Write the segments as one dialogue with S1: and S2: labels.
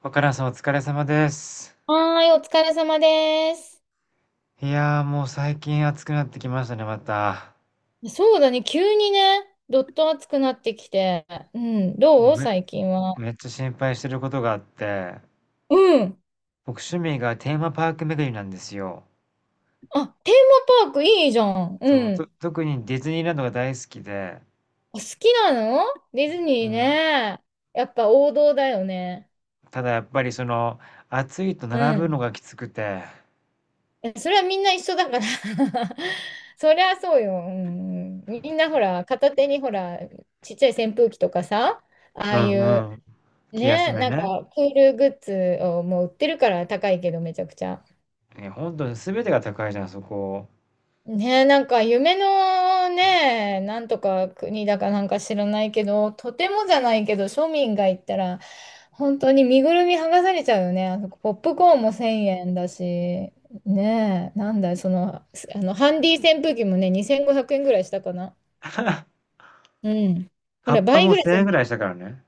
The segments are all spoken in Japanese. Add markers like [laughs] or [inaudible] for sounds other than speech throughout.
S1: 若菜さんお疲れ様です。
S2: はーい、お疲れ様です。
S1: いやーもう最近暑くなってきましたね、また。
S2: そうだね、急にね、どっと暑くなってきて。うん、ど
S1: 僕
S2: う
S1: め、
S2: 最近は？
S1: めっちゃ心配してることがあって、
S2: うん。
S1: 僕趣味がテーマパーク巡りなんですよ。
S2: あ、テーマパークいいじゃん。
S1: そ
S2: う
S1: う、
S2: ん。
S1: 特にディズニーランドが大好きで、
S2: お好きなのディズニ
S1: う
S2: ー
S1: ん。
S2: ね。やっぱ王道だよね。
S1: ただやっぱりその、暑いと並
S2: う
S1: ぶ
S2: ん。
S1: のがきつくて、
S2: え、それはみんな一緒だから [laughs] そりゃそうよ。うん。うん、みんなほら、片手にほら、ちっちゃい扇風機とかさ、あ
S1: う
S2: あいう、
S1: んうん。気休
S2: ね、
S1: め
S2: なん
S1: ね。
S2: かクールグッズをもう売ってるから高いけどめちゃくちゃ。
S1: え、本当に全てが高いじゃん、そこ。
S2: ねえ、なんか夢のね、なんとか国だかなんか知らないけど、とてもじゃないけど、庶民が行ったら、本当に身ぐるみ剥がされちゃうよね。あそこポップコーンも1000円だし、ねえ、なんだ、その、ハンディ扇風機もね、2500円ぐらいしたかな。うん。ほ
S1: カッ
S2: ら、
S1: パ
S2: 倍
S1: も
S2: ぐらいす
S1: 1000
S2: る
S1: 円
S2: ね、
S1: ぐらいしたからね。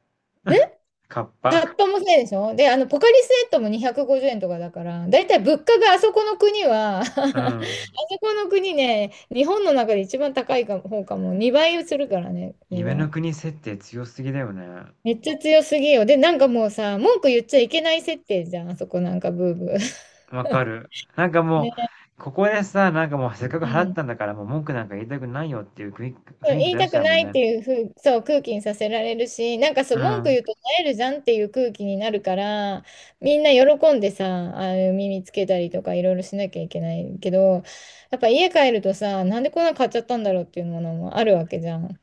S1: カッ
S2: タ
S1: パ。
S2: ッパもそうでしょ。で、ポカリスエットも250円とかだから、だいたい物価があそこの国は [laughs] あそ
S1: うん。
S2: この国ね、日本の中で一番高いか方かも、2倍するからね、値
S1: 夢の
S2: 段。
S1: 国設定強すぎだよね。
S2: めっちゃ強すぎよ。で、なんかもうさ、文句言っちゃいけない設定じゃん、あそこなんかブーブー。[laughs]
S1: わかる。なんかも
S2: ね、
S1: う、ここでさ、なんかもうせっかく
S2: う
S1: 払っ
S2: ん、
S1: たんだから、もう文句なんか言いたくないよっていう雰囲気
S2: 言い
S1: 出
S2: た
S1: し
S2: く
S1: ちゃう
S2: な
S1: もん
S2: いっ
S1: ね。
S2: ていうふう、そう、空気にさせられるし、なんかそう、
S1: う
S2: 文句
S1: ん。
S2: 言うと萎えるじゃんっていう空気になるから、みんな喜んでさ、ああいう耳つけたりとかいろいろしなきゃいけないけど、やっぱ家帰るとさ、なんでこんなの買っちゃったんだろうっていうものもあるわけじゃん。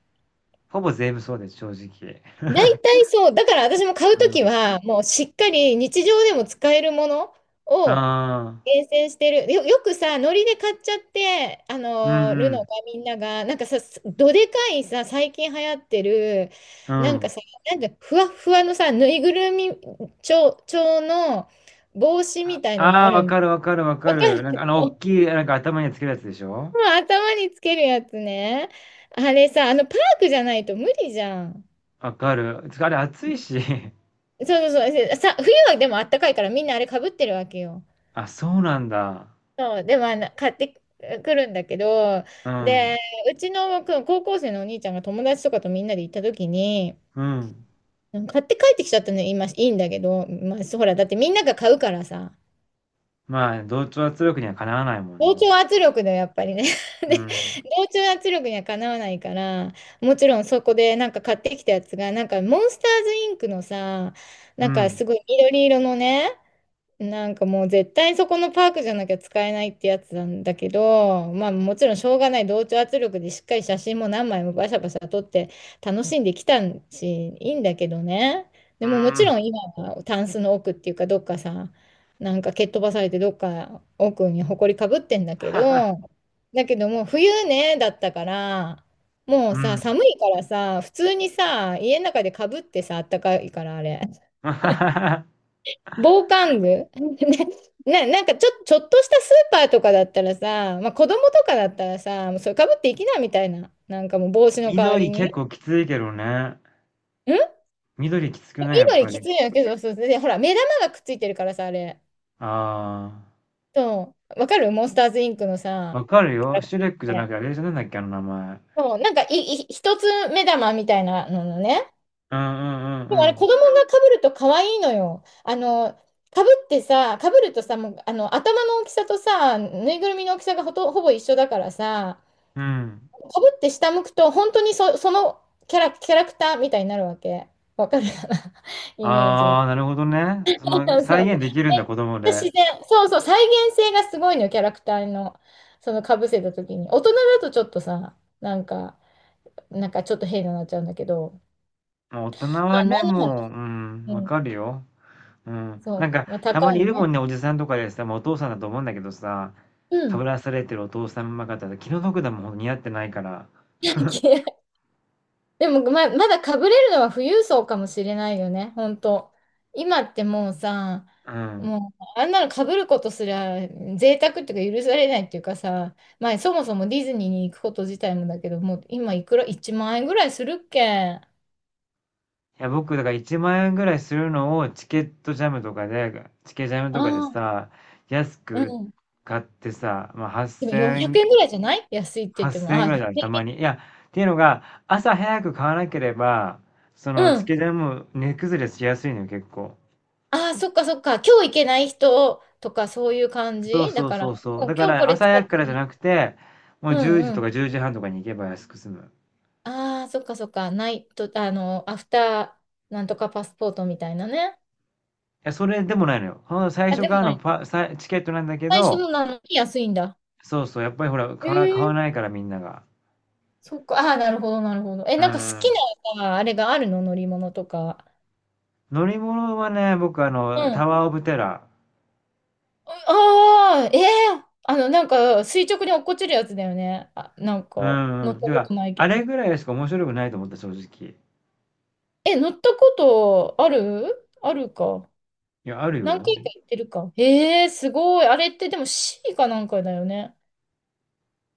S1: ほぼ全部そうです、正直。
S2: 大体そう、だから私も買う
S1: う
S2: とき
S1: ん。
S2: は、もうしっかり日常でも使えるものを
S1: ああ、
S2: 厳選してる。よくさ、ノリで買っちゃって、
S1: うん
S2: る
S1: う
S2: のが
S1: ん。
S2: みんなが、なんかさ、すどでかいさ、最近流行ってる、
S1: う
S2: なんか
S1: ん。
S2: さ、なんかふわっふわのさ、ぬいぐるみ調の帽子み
S1: あ
S2: たいのがあ
S1: あー、
S2: る
S1: わ
S2: の。
S1: かるわかるわ
S2: わ
S1: か
S2: か
S1: る。
S2: る
S1: なんか
S2: [laughs]
S1: あの、大きい、なんか頭につけるやつでしょ。
S2: 頭につけるやつね。あれさ、あの、パークじゃないと無理じゃん。
S1: わかる。つかあれ熱いし。[laughs]
S2: そうそうそう。さ、冬はでもあったかいからみんなあれかぶってるわけよ。
S1: あ、そうなんだ。
S2: そう、でもあの買ってくるんだけど、
S1: う
S2: で、
S1: ん。
S2: うちのく高校生のお兄ちゃんが友達とかとみんなで行った時に、
S1: うん。
S2: 買って帰ってきちゃったのよ、今いいんだけど、まあ、そうほら、だってみんなが買うからさ、
S1: まあ、同調圧力にはかなわないもん
S2: 同
S1: ね。
S2: 調圧力だよ、やっぱりね。[laughs]
S1: う
S2: で、
S1: ん。
S2: 同調圧力にはかなわないから、もちろんそこでなんか買ってきたやつが、なんかモンスターズインクのさ、
S1: う
S2: なんか
S1: ん。
S2: すごい緑色のね、なんかもう絶対そこのパークじゃなきゃ使えないってやつなんだけど、まあもちろんしょうがない同調圧力でしっかり写真も何枚もバシャバシャ撮って楽しんできたし、いいんだけどね。で
S1: う
S2: ももち
S1: ん。
S2: ろん今はタンスの奥っていうかどっかさ、なんか蹴っ飛ばされてどっか奥に埃かぶってんだけど、
S1: [laughs]
S2: だけどもう冬ね、だったから、も
S1: う
S2: うさ、
S1: ん。
S2: 寒いからさ、普通にさ、家の中でかぶってさ、あったかいからあれ。
S1: [laughs]
S2: 防寒具 [laughs] ね、なんかちょっとしたスーパーとかだったらさ、まあ、子供とかだったらさ、もうそれかぶっていきなみたいな。なんかもう帽子の代わり
S1: 緑
S2: に。ん、
S1: 結構きついけどね。緑きつくないやっ
S2: 緑
S1: ぱり。
S2: きついんやけど、そうそうで、ほら、目玉がくっついてるからさ、あれ。
S1: あ
S2: そう。わかるモンスターズインクの
S1: あ、
S2: さ、
S1: わかる
S2: キャ
S1: よ。
S2: ラク
S1: シュレックじ
S2: タ
S1: ゃ
S2: ー
S1: な
S2: っ
S1: く
S2: て、
S1: て、あれじゃなんだっけ、あの名前。
S2: そう、なんか一つ目玉みたいなののね。
S1: うんう
S2: でもあ
S1: んう
S2: れ、
S1: ん
S2: 子供がかぶると可愛いのよ。あの、かぶってさ、かぶるとさ、もう、あの、頭の大きさとさ、ぬいぐるみの大きさがほぼ一緒だからさ、
S1: うん。うん。
S2: かぶって下向くと、本当にそのキャラクターみたいになるわけ。わかるかな [laughs] イメージが。
S1: ああ、な
S2: [laughs]
S1: るほどね。その、
S2: そうそ
S1: 再
S2: う。
S1: 現できるんだ、子供
S2: で、自
S1: で。
S2: 然、そうそう、再現性がすごいのよ、キャラクターの、そのかぶせた時に。大人だとちょっとさ、なんか、なんかちょっと変になっちゃうんだけど、
S1: もう大人
S2: まあ、
S1: は
S2: 何
S1: ね、
S2: の
S1: もう、
S2: 話、
S1: うん、
S2: う
S1: わ
S2: ん、
S1: かるよ。うん。
S2: そ
S1: なんか、
S2: う、まあ、
S1: た
S2: 高
S1: まに
S2: い
S1: いるも
S2: ね。
S1: んね、おじさんとかでさ、もうお父さんだと思うんだけどさ、
S2: う
S1: かぶ
S2: ん。
S1: らされてるお父さんま方で気の毒だもん、似合ってないから。
S2: [laughs] 野球でも、まだ被れるのは富裕層かもしれないよね、本当。今ってもうさ、
S1: うん。
S2: もうあんなの被ることすら贅沢っていうか許されないっていうかさ、まあそもそもディズニーに行くこと自体もだけど、もう今いくら、1万円ぐらいするっけ。あ
S1: いや、僕、だから1万円ぐらいするのをチケットジャムとかで、チケジャムとかで
S2: あ、
S1: さ、安
S2: う
S1: く
S2: ん。
S1: 買ってさ、まあ、
S2: でも
S1: 8000
S2: 400円ぐ
S1: 円、
S2: らいじゃない、安いって言っても。
S1: 8000
S2: あ
S1: 円
S2: あ、
S1: ぐ
S2: ひ
S1: らい
S2: ゃ
S1: だよ、たまに。いや、っていうのが、朝早く買わなければ、そ
S2: くえ
S1: の
S2: んう
S1: チ
S2: ん。
S1: ケジャム値崩れしやすいのよ、結構。
S2: ああ、そっかそっか。今日行けない人とかそういう感
S1: そう
S2: じだ
S1: そう
S2: から、
S1: そうそう。
S2: もう
S1: だか
S2: 今日こ
S1: ら
S2: れ
S1: 朝
S2: 使っ
S1: 早くから
S2: て
S1: じゃ
S2: ね。
S1: なくて、もう10
S2: う
S1: 時と
S2: ん。
S1: か10時半とかに行けば安く済む。
S2: ああ、そっかそっか。ないと、あの、アフターなんとかパスポートみたいなね。
S1: いや、それでもないのよ。ほんと最
S2: あ、
S1: 初
S2: でも
S1: 買う
S2: ない
S1: の
S2: んだ。
S1: チケットなんだけ
S2: 最初
S1: ど、
S2: のなのに安いんだ。
S1: そうそう、やっぱりほら、
S2: え
S1: 買
S2: え、
S1: わないからみんなが。
S2: そっか。ああ、なるほど、なるほど。え、
S1: う
S2: なんか好き
S1: ん。
S2: な、あれがあるの乗り物とか。
S1: 乗り物はね、僕あ
S2: う
S1: の、
S2: ん。
S1: タワーオブテラ
S2: ああ、ええ、あの、なんか、垂直に落っこちるやつだよね。あ、なん
S1: ー。う
S2: か、
S1: ん
S2: 乗っ
S1: う
S2: た
S1: ん。て
S2: こ
S1: か、
S2: とない
S1: あ
S2: け
S1: れ
S2: ど。
S1: ぐらいしか面白くないと思った、正直。
S2: え、乗ったことあるあるか。
S1: いや、ある
S2: 何
S1: よ。
S2: 回か行ってるか。ええ、すごい。あれってでも C かなんかだよね。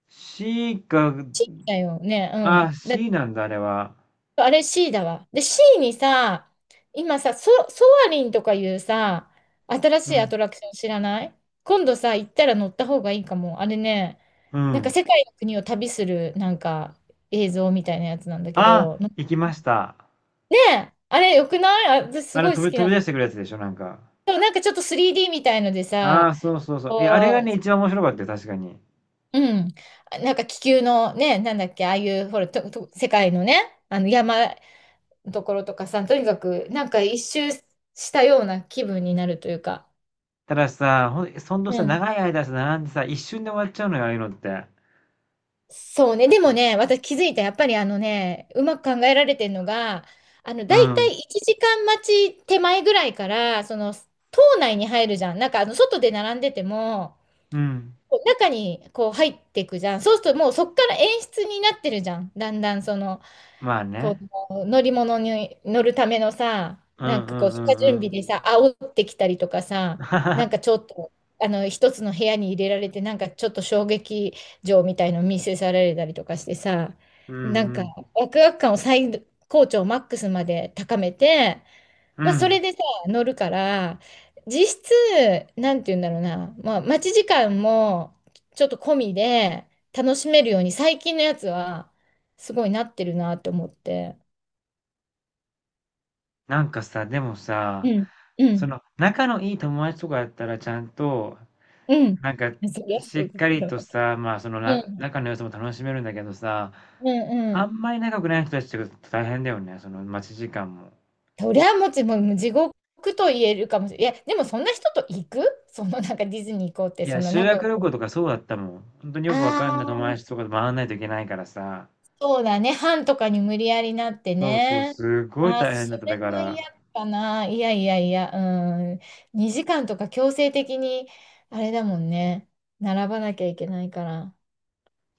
S1: C か、
S2: C だよね。う
S1: あ、
S2: ん。だ、
S1: C なんだ、あれは。
S2: あれ C だわ。で、C にさ、今さ、ソアリンとかいうさ、新し
S1: う
S2: いア
S1: ん。
S2: トラクション知らない？今度さ、行ったら乗った方がいいかも。あれね、
S1: う
S2: なんか
S1: ん。
S2: 世界の国を旅する、なんか映像みたいなやつなんだけ
S1: あ、
S2: ど、
S1: 行きました。
S2: ねえ、あれよくない？あ、私す
S1: あ
S2: ご
S1: の、
S2: い好きな
S1: 飛
S2: の。
S1: び出してくるやつでしょ、なんか。
S2: でもなんかちょっと 3D みたいので
S1: あ
S2: さ、
S1: あ、そうそうそう。え、あれ
S2: こ
S1: がね、一番面白かったよ、確かに。
S2: う、うん、なんか気球のね、なんだっけ、ああいう、ほら、世界のね、あの山、ところとかさ、とにかくなんか一周したような気分になるというか。
S1: たださ、ほんと
S2: う
S1: さ、
S2: ん。
S1: 長い間さ、並んでさ、一瞬で終わっちゃうのよ、ああいうのって。
S2: そうね。でもね、私気づいた。やっぱりあのね、うまく考えられてるのが、あの、
S1: う
S2: だいた
S1: ん。
S2: い1時間待ち手前ぐらいから、その、島内に入るじゃん。なんかあの、外で並んでても、
S1: うん。
S2: こう中にこう入っていくじゃん。そうするともうそっから演出になってるじゃん。だんだんその、
S1: まあ
S2: こ
S1: ね。
S2: う乗り物に乗るためのさ、
S1: う
S2: なん
S1: んう
S2: かこう
S1: ん
S2: 下
S1: う
S2: 準
S1: んう
S2: 備
S1: ん。
S2: でさ、煽ってきたりとかさ、なんかちょ
S1: [laughs]
S2: っとあの一つの部屋に入れられて、なんかちょっと衝撃場みたいの見せされたりとかしてさ、
S1: うん
S2: なん
S1: う
S2: か
S1: ん。
S2: ワクワク感を最高潮マックスまで高めて、
S1: う
S2: まあそ
S1: ん。
S2: れでさ、乗るから、実質、なんて言うんだろうな、まあ待ち時間もちょっと込みで楽しめるように最近のやつは、すごいなってるなって思って。
S1: なんかさ、でも
S2: う
S1: さ、
S2: ん、う
S1: そ
S2: ん、
S1: の仲のいい友達とかやったらちゃんと、
S2: うん。
S1: なんか
S2: そりゃ
S1: し
S2: そう
S1: っ
S2: だ
S1: か
S2: け
S1: り
S2: ど。
S1: とさ、まあその
S2: う
S1: な
S2: ん、
S1: 仲の良さも楽しめるんだけどさ、
S2: うん、う
S1: あ
S2: ん。
S1: んまり仲良くない人たちとか大変だよね、その待ち時間も。
S2: そりゃもち、もう地獄と言えるかもしれない。いや、でもそんな人と行く、そのなんかディズニー行こうって、
S1: い
S2: そ
S1: や、
S2: んな
S1: 修
S2: 仲良
S1: 学
S2: く
S1: 旅行
S2: な、
S1: とかそうだったもん。本当によくわ
S2: あ
S1: かんない友
S2: あ、
S1: 達とかと回らないといけないからさ。
S2: そうだね。班とかに無理やりなって
S1: そうそう、
S2: ね。
S1: すごい
S2: ああ、
S1: 大変
S2: そ
S1: だった。
S2: れ
S1: だか
S2: は嫌
S1: ら、
S2: かな。いやいやいや、うん。2時間とか強制的に、あれだもんね。並ばなきゃいけないから。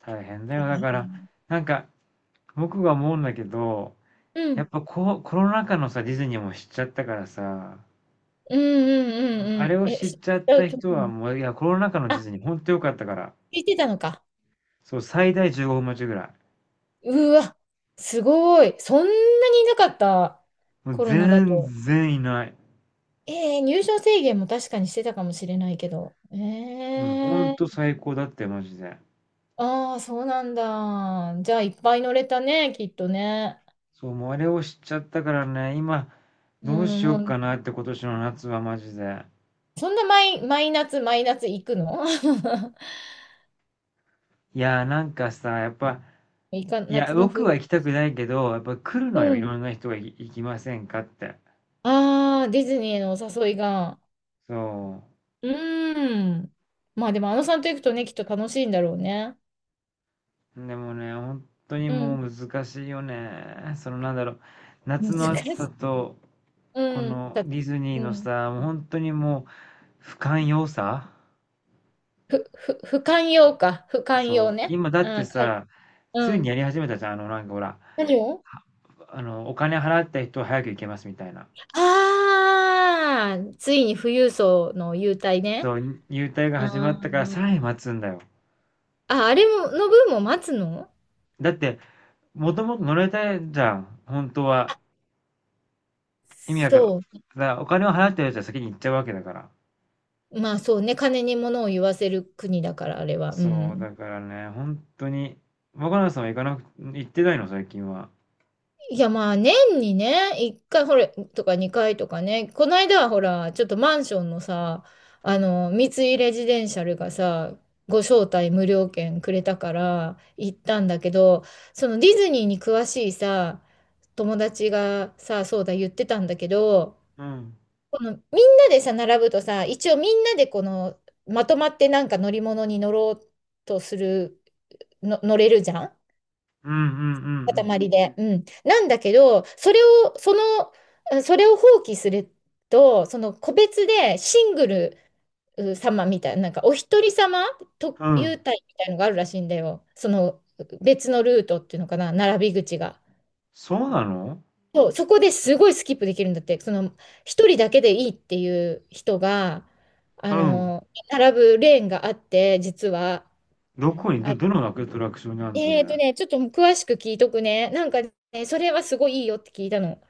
S1: 大変だ
S2: う
S1: よ。だから、
S2: ん。
S1: なんか僕が思うんだけど、
S2: う
S1: やっ
S2: ん。
S1: ぱこうコロナ禍のさ、ディズニーも知っちゃったからさ、
S2: うん。うん。う
S1: あれ
S2: ん。
S1: を
S2: え、知
S1: 知っ
S2: っ
S1: ちゃっ
S2: ちゃう
S1: た
S2: と
S1: 人は
S2: 思う。
S1: もう、いや、コロナ禍のディズニー、ほんと良かったから、
S2: 聞いてたのか。
S1: そう、最大15分待ちぐらい。
S2: うわ、すごい。そんなにいなかった。
S1: もう
S2: コロナだ
S1: 全
S2: と。
S1: 然いない。
S2: えー、入場制限も確かにしてたかもしれないけど。え
S1: もうほんと
S2: ー、
S1: 最高だったよ、マジで。
S2: ああ、そうなんだ。じゃあ、いっぱい乗れたね、きっとね。
S1: そう、もうあれを知っちゃったからね、今、
S2: う
S1: どう
S2: ん、
S1: しよ
S2: も
S1: うか
S2: う
S1: なって今年の夏はマジで。
S2: そんな毎夏、毎夏行くの？
S1: いや、なんかさ、やっぱ、
S2: [laughs] いか、
S1: いや、
S2: 夏の
S1: 僕
S2: 風。
S1: は行きたくないけど、やっぱ来る
S2: う
S1: のよ、い
S2: ん。
S1: ろんな人が行きませんかって。
S2: ああ、ディズニーのお誘いが。
S1: そ
S2: うーん。まあでも、あのさんと行くとね、きっと楽しいんだろうね。
S1: う。でもね、本当に
S2: うん。
S1: もう難しいよね。そのなんだろう、
S2: 難
S1: 夏
S2: しい。
S1: の暑さと、こ
S2: うん、
S1: のディズニー
S2: う
S1: の
S2: ん、
S1: さ、もう本当にもう不寛容さ。
S2: 不寛容か、不寛
S1: そ
S2: 容
S1: う。
S2: ね。
S1: 今だっ
S2: う
S1: て
S2: ん、かい、
S1: さ、つ
S2: う
S1: いに
S2: ん。
S1: やり始めたじゃん。あの、なんかほら、
S2: 何を。
S1: あの、お金払った人は早く行けますみたいな。
S2: ああー、ついに富裕層の優待ね。
S1: そう、入隊が
S2: あ
S1: 始まったからさらに
S2: ー、
S1: 待つんだよ。
S2: あ、あれも、の分も待つの？
S1: だって、もともと乗れたいじゃん。本当は。意味わかる。
S2: そ
S1: だお金を払ってるやつは先に行っちゃうわけだから。
S2: う。まあそうね、金に物を言わせる国だから、あれは。う
S1: そう、
S2: ん。
S1: だからね、本当に。若菜さんは行かなく、行ってないの、最近は。
S2: いやまあ年にね、1回ほらとか2回とかね、この間はほら、ちょっとマンションのさ、あの、三井レジデンシャルがさ、ご招待無料券くれたから行ったんだけど、そのディズニーに詳しいさ、友達がさ、そうだ言ってたんだけど、
S1: うん。
S2: このみんなでさ、並ぶとさ、一応みんなでこの、まとまってなんか乗り物に乗ろうとする、の乗れるじゃん、
S1: うんうんうん
S2: 塊で。うん。なんだけど、それを、その、それを放棄すると、その個別でシングルう様みたいな、なんかお一人様と
S1: うん。う
S2: 優
S1: ん。
S2: 待みたいのがあるらしいんだよ。その別のルートっていうのかな、並び口が。
S1: そうなの。
S2: そう、そこですごいスキップできるんだって、その一人だけでいいっていう人が、あ
S1: うん。
S2: の、並ぶレーンがあって、実は。
S1: どこに、どのアトラクションにあるの、そ
S2: え
S1: れ。
S2: ーとね、ちょっと詳しく聞いとくね。なんかね、それはすごいいいよって聞いたの。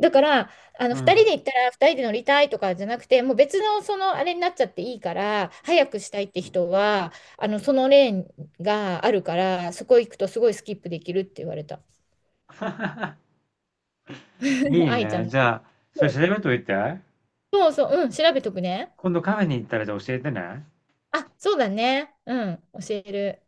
S2: だから、あの、
S1: う
S2: 2人
S1: ん。
S2: で行ったら2人で乗りたいとかじゃなくて、もう別のそのあれになっちゃっていいから、早くしたいって人は、あの、そのレーンがあるから、そこ行くとすごいスキップできるって言われた。
S1: い
S2: [laughs]
S1: い
S2: 愛ちゃ
S1: ね。
S2: ん。
S1: じゃあ、そ
S2: そ
S1: れ調
S2: う
S1: べといて。
S2: そうそう、うん、調べとくね。
S1: 今度カフェに行ったら、じゃあ教えてね。
S2: あ、そうだね。うん、教える。